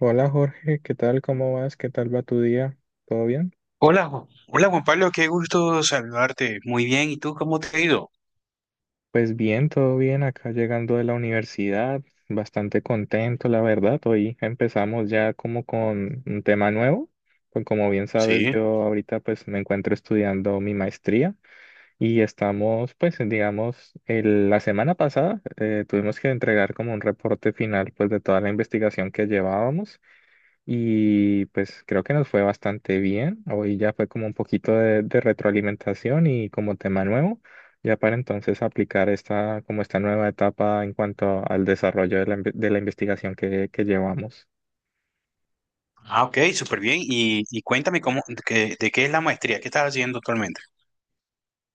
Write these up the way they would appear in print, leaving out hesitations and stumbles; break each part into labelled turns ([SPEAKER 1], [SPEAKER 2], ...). [SPEAKER 1] Hola Jorge, ¿qué tal? ¿Cómo vas? ¿Qué tal va tu día? ¿Todo bien?
[SPEAKER 2] Hola, hola Juan Pablo, qué gusto saludarte. Muy bien, ¿y tú cómo te ha ido?
[SPEAKER 1] Pues bien, todo bien. Acá llegando de la universidad, bastante contento, la verdad. Hoy empezamos ya como con un tema nuevo. Pues como bien sabes,
[SPEAKER 2] Sí.
[SPEAKER 1] yo ahorita pues me encuentro estudiando mi maestría y estamos pues digamos, la semana pasada tuvimos que entregar como un reporte final pues de toda la investigación que llevábamos. Y pues creo que nos fue bastante bien. Hoy ya fue como un poquito de retroalimentación y como tema nuevo, ya para entonces aplicar esta, como esta nueva etapa en cuanto al desarrollo de la, de la investigación que llevamos.
[SPEAKER 2] Ah, ok, súper bien. Y cuéntame cómo, de qué es la maestría que estás haciendo actualmente.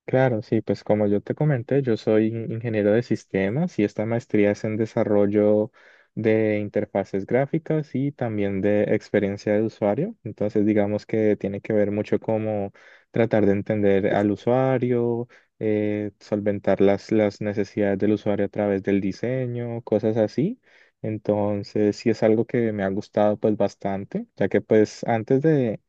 [SPEAKER 1] Claro, sí, pues como yo te comenté, yo soy ingeniero de sistemas y esta maestría es en desarrollo de interfaces gráficas y también de experiencia de usuario. Entonces, digamos que tiene que ver mucho como tratar de entender al usuario, solventar las necesidades del usuario a través del diseño, cosas así. Entonces, sí es algo que me ha gustado pues bastante, ya que pues antes de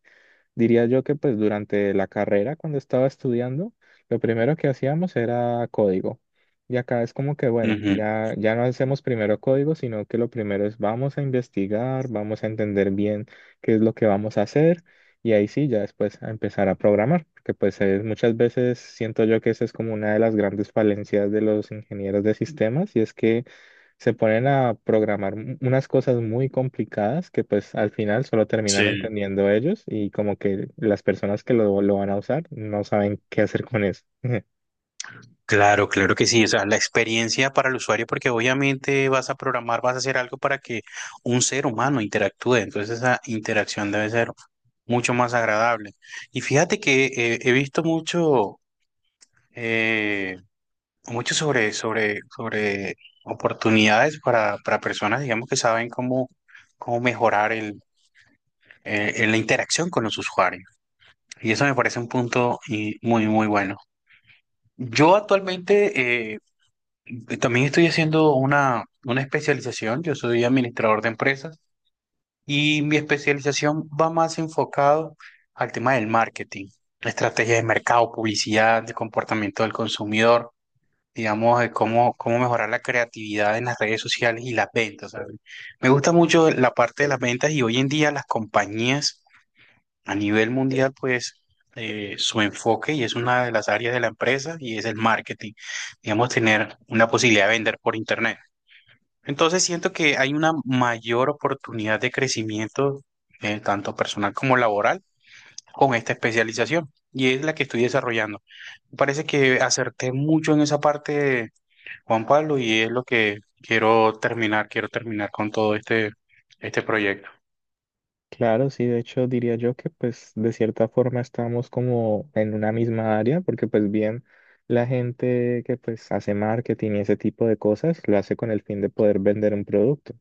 [SPEAKER 1] Diría yo que pues durante la carrera, cuando estaba estudiando, lo primero que hacíamos era código. Y acá es como que, bueno,
[SPEAKER 2] Ujú.
[SPEAKER 1] ya no hacemos primero código, sino que lo primero es vamos a investigar, vamos a entender bien qué es lo que vamos a hacer y ahí sí, ya después a empezar a programar, porque pues muchas veces siento yo que esa es como una de las grandes falencias de los ingenieros de sistemas y es que se ponen a programar unas cosas muy complicadas que pues al final solo terminan
[SPEAKER 2] Sí.
[SPEAKER 1] entendiendo ellos y como que las personas que lo van a usar no saben qué hacer con eso.
[SPEAKER 2] Claro, claro que sí. O sea, la experiencia para el usuario, porque obviamente vas a programar, vas a hacer algo para que un ser humano interactúe. Entonces esa interacción debe ser mucho más agradable. Y fíjate que he visto eh, mucho sobre, sobre oportunidades para personas, digamos, que saben cómo mejorar en la interacción con los usuarios. Y eso me parece un punto y muy, muy bueno. Yo actualmente también estoy haciendo una especialización, yo soy administrador de empresas y mi especialización va más enfocado al tema del marketing, estrategias de mercado, publicidad, de comportamiento del consumidor. Digamos, de cómo mejorar la creatividad en las redes sociales y las ventas. ¿Sabes? Me gusta mucho la parte de las ventas y hoy en día las compañías a nivel mundial, pues su enfoque y es una de las áreas de la empresa y es el marketing, digamos, tener una posibilidad de vender por internet. Entonces siento que hay una mayor oportunidad de crecimiento, tanto personal como laboral, con esta especialización y es la que estoy desarrollando. Me parece que acerté mucho en esa parte Juan Pablo, y es lo que quiero terminar con todo este, este proyecto.
[SPEAKER 1] Claro, sí, de hecho diría yo que pues de cierta forma estamos como en una misma área, porque pues bien la gente que pues hace marketing y ese tipo de cosas lo hace con el fin de poder vender un producto.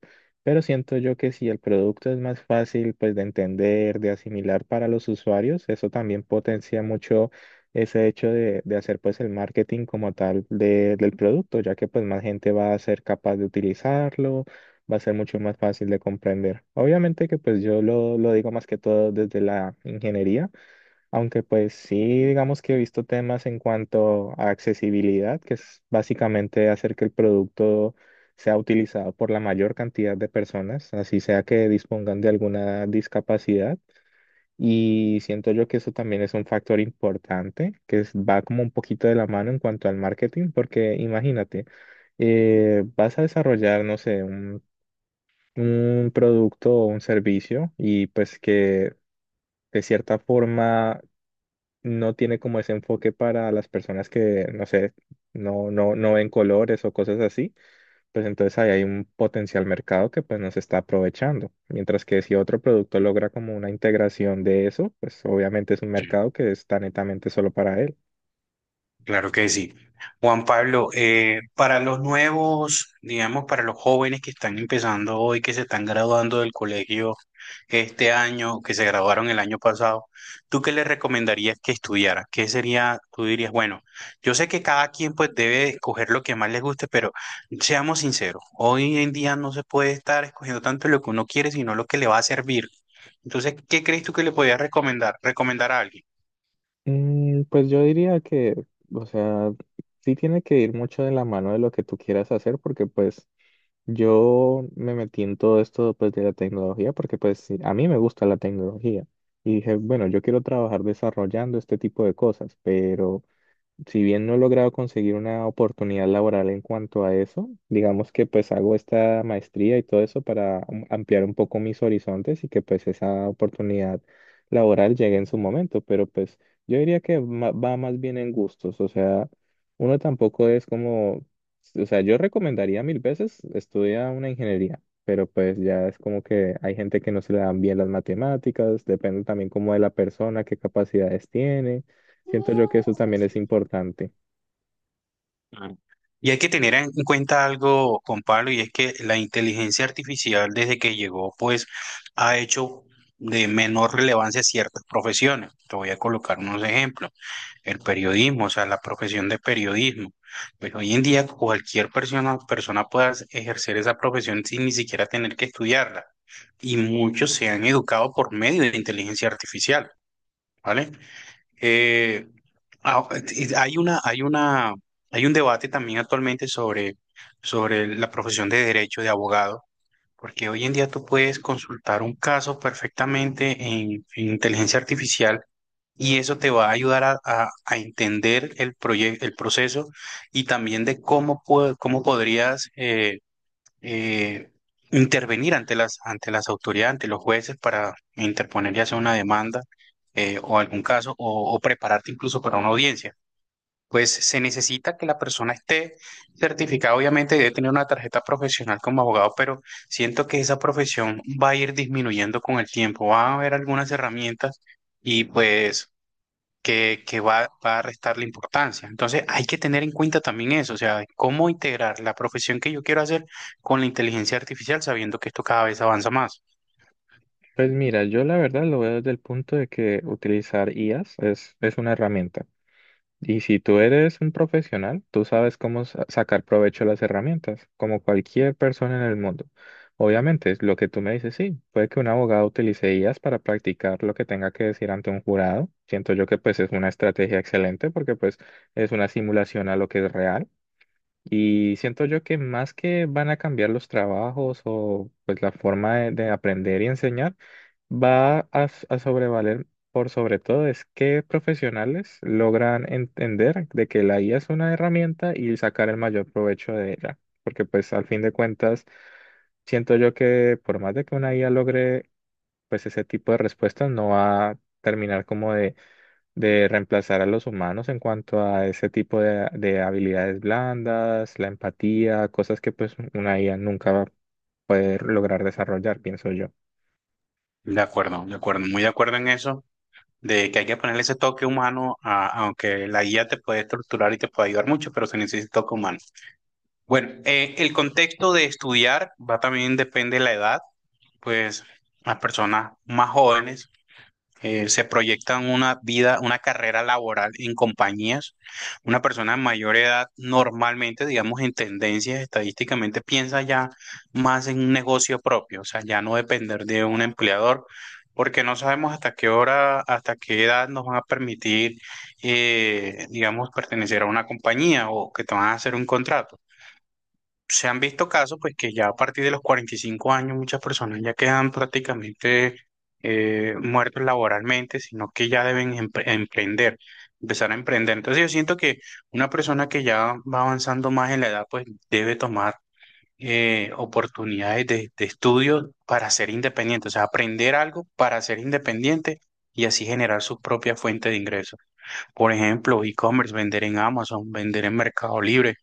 [SPEAKER 1] Pero siento yo que si el producto es más fácil pues de entender, de asimilar para los usuarios, eso también potencia mucho ese hecho de hacer pues el marketing como tal del producto, ya que pues más gente va a ser capaz de utilizarlo va a ser mucho más fácil de comprender. Obviamente que pues yo lo digo más que todo desde la ingeniería, aunque pues sí digamos que he visto temas en cuanto a accesibilidad, que es básicamente hacer que el producto sea utilizado por la mayor cantidad de personas, así sea que dispongan de alguna discapacidad. Y siento yo que eso también es un factor importante, que va como un poquito de la mano en cuanto al marketing, porque imagínate, vas a desarrollar, no sé, un producto o un servicio y pues que de cierta forma no tiene como ese enfoque para las personas que, no sé, no, no, no ven colores o cosas así, pues entonces ahí hay un potencial mercado que pues no se está aprovechando. Mientras que si otro producto logra como una integración de eso, pues obviamente es un
[SPEAKER 2] Sí.
[SPEAKER 1] mercado que está netamente solo para él.
[SPEAKER 2] Claro que sí. Juan Pablo, para los nuevos, digamos, para los jóvenes que están empezando hoy, que se están graduando del colegio este año, que se graduaron el año pasado, ¿tú qué les recomendarías que estudiaran? ¿Qué sería, tú dirías, bueno, yo sé que cada quien pues debe escoger lo que más les guste, pero seamos sinceros, hoy en día no se puede estar escogiendo tanto lo que uno quiere, sino lo que le va a servir. Entonces, ¿qué crees tú que le podías recomendar, recomendar a alguien?
[SPEAKER 1] Mm, pues yo diría que, o sea, sí tiene que ir mucho de la mano de lo que tú quieras hacer, porque pues yo me metí en todo esto pues, de la tecnología porque pues sí, a mí me gusta la tecnología y dije, bueno, yo quiero trabajar desarrollando este tipo de cosas, pero si bien no he logrado conseguir una oportunidad laboral en cuanto a eso, digamos que pues hago esta maestría y todo eso para ampliar un poco mis horizontes y que pues esa oportunidad laboral llegue en su momento, pero pues yo diría que va más bien en gustos, o sea, uno tampoco es como, o sea, yo recomendaría mil veces estudiar una ingeniería. Pero pues ya es como que hay gente que no se le dan bien las matemáticas, depende también como de la persona, qué capacidades tiene. Siento yo que eso también es importante.
[SPEAKER 2] Y hay que tener en cuenta algo con Pablo, y es que la inteligencia artificial desde que llegó, pues ha hecho de menor relevancia ciertas profesiones. Te voy a colocar unos ejemplos. El periodismo, o sea, la profesión de periodismo. Pues hoy en día cualquier persona puede ejercer esa profesión sin ni siquiera tener que estudiarla. Y muchos se han educado por medio de la inteligencia artificial. ¿Vale? Eh, ah, y hay un debate también actualmente sobre, sobre la profesión de derecho de abogado, porque hoy en día tú puedes consultar un caso perfectamente en inteligencia artificial y eso te va a ayudar a, a entender el proyecto, el proceso y también de cómo podrías eh, intervenir ante las autoridades, ante los jueces para interponer ya sea una demanda o algún caso o prepararte incluso para una audiencia. Pues se necesita que la persona esté certificada, obviamente debe tener una tarjeta profesional como abogado, pero siento que esa profesión va a ir disminuyendo con el tiempo, va a haber algunas herramientas y pues va a restarle importancia. Entonces hay que tener en cuenta también eso, o sea, cómo integrar la profesión que yo quiero hacer con la inteligencia artificial sabiendo que esto cada vez avanza más.
[SPEAKER 1] Pues mira, yo la verdad lo veo desde el punto de que utilizar IAs es una herramienta. Y si tú eres un profesional, tú sabes cómo sacar provecho de las herramientas, como cualquier persona en el mundo. Obviamente, es lo que tú me dices, sí, puede que un abogado utilice IAs para practicar lo que tenga que decir ante un jurado. Siento yo que pues es una estrategia excelente porque pues es una simulación a lo que es real. Y siento yo que más que van a cambiar los trabajos o pues la forma de aprender y enseñar, va a, a sobrevaler por sobre todo es que profesionales logran entender de que la IA es una herramienta y sacar el mayor provecho de ella. Porque pues al fin de cuentas, siento yo que por más de que una IA logre pues ese tipo de respuestas, no va a terminar como de reemplazar a los humanos en cuanto a ese tipo de habilidades blandas, la empatía, cosas que pues una IA nunca va a poder lograr desarrollar, pienso yo.
[SPEAKER 2] De acuerdo, muy de acuerdo en eso, de que hay que ponerle ese toque humano, aunque la guía te puede estructurar y te puede ayudar mucho, pero se necesita toque humano. Bueno, el contexto de estudiar va también depende de la edad, pues las personas más jóvenes se proyectan una vida, una carrera laboral en compañías. Una persona de mayor edad normalmente, digamos, en tendencias estadísticamente piensa ya más en un negocio propio, o sea, ya no depender de un empleador, porque no sabemos hasta qué hora, hasta qué edad nos van a permitir, digamos, pertenecer a una compañía o que te van a hacer un contrato. Se han visto casos, pues que ya a partir de los 45 años muchas personas ya quedan prácticamente muertos laboralmente, sino que ya deben emprender, empezar a emprender. Entonces yo siento que una persona que ya va avanzando más en la edad, pues debe tomar oportunidades de estudio para ser independiente, o sea, aprender algo para ser independiente. Y así generar su propia fuente de ingresos. Por ejemplo, e-commerce, vender en Amazon, vender en Mercado Libre,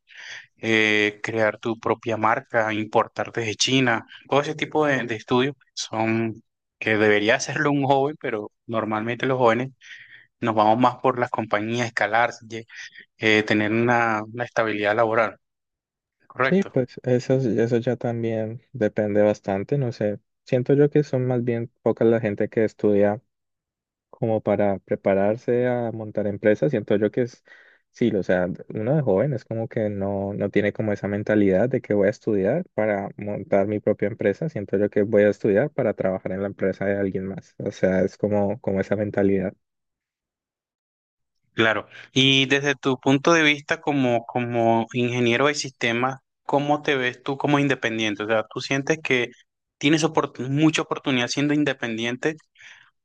[SPEAKER 2] crear tu propia marca, importar desde China, todo ese tipo de estudios son que debería hacerlo un joven, pero normalmente los jóvenes nos vamos más por las compañías, escalar, tener una estabilidad laboral,
[SPEAKER 1] Sí,
[SPEAKER 2] ¿correcto?
[SPEAKER 1] pues eso ya también depende bastante, no sé. Siento yo que son más bien pocas la gente que estudia como para prepararse a montar empresas, siento yo que es, sí, o sea, uno de joven es como que no, no tiene como esa mentalidad de que voy a estudiar para montar mi propia empresa, siento yo que voy a estudiar para trabajar en la empresa de alguien más, o sea, es como, como esa mentalidad.
[SPEAKER 2] Claro. Y desde tu punto de vista como, como ingeniero de sistemas, ¿cómo te ves tú como independiente? O sea, ¿tú sientes que tienes mucha oportunidad siendo independiente?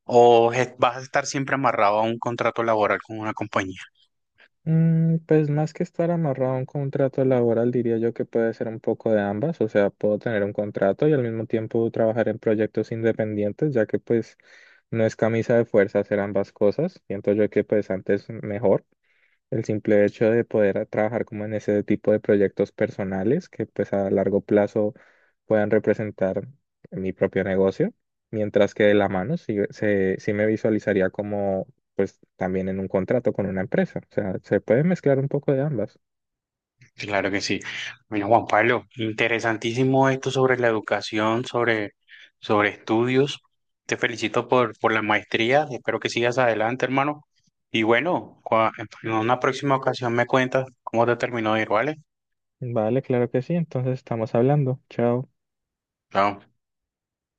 [SPEAKER 2] ¿O vas a estar siempre amarrado a un contrato laboral con una compañía?
[SPEAKER 1] Mm, pues más que estar amarrado a un contrato laboral, diría yo que puede ser un poco de ambas, o sea, puedo tener un contrato y al mismo tiempo trabajar en proyectos independientes, ya que pues no es camisa de fuerza hacer ambas cosas, siento yo que pues antes mejor. El simple hecho de poder trabajar como en ese tipo de proyectos personales que pues a largo plazo puedan representar mi propio negocio, mientras que de la mano sí, se, sí me visualizaría como pues también en un contrato con una empresa. O sea, se puede mezclar un poco de ambas.
[SPEAKER 2] Claro que sí. Bueno, Juan Pablo, interesantísimo esto sobre la educación, sobre, sobre estudios. Te felicito por la maestría. Espero que sigas adelante, hermano. Y bueno, en una próxima ocasión me cuentas cómo te terminó de ir, ¿vale?
[SPEAKER 1] Vale, claro que sí. Entonces estamos hablando. Chao.
[SPEAKER 2] Chao.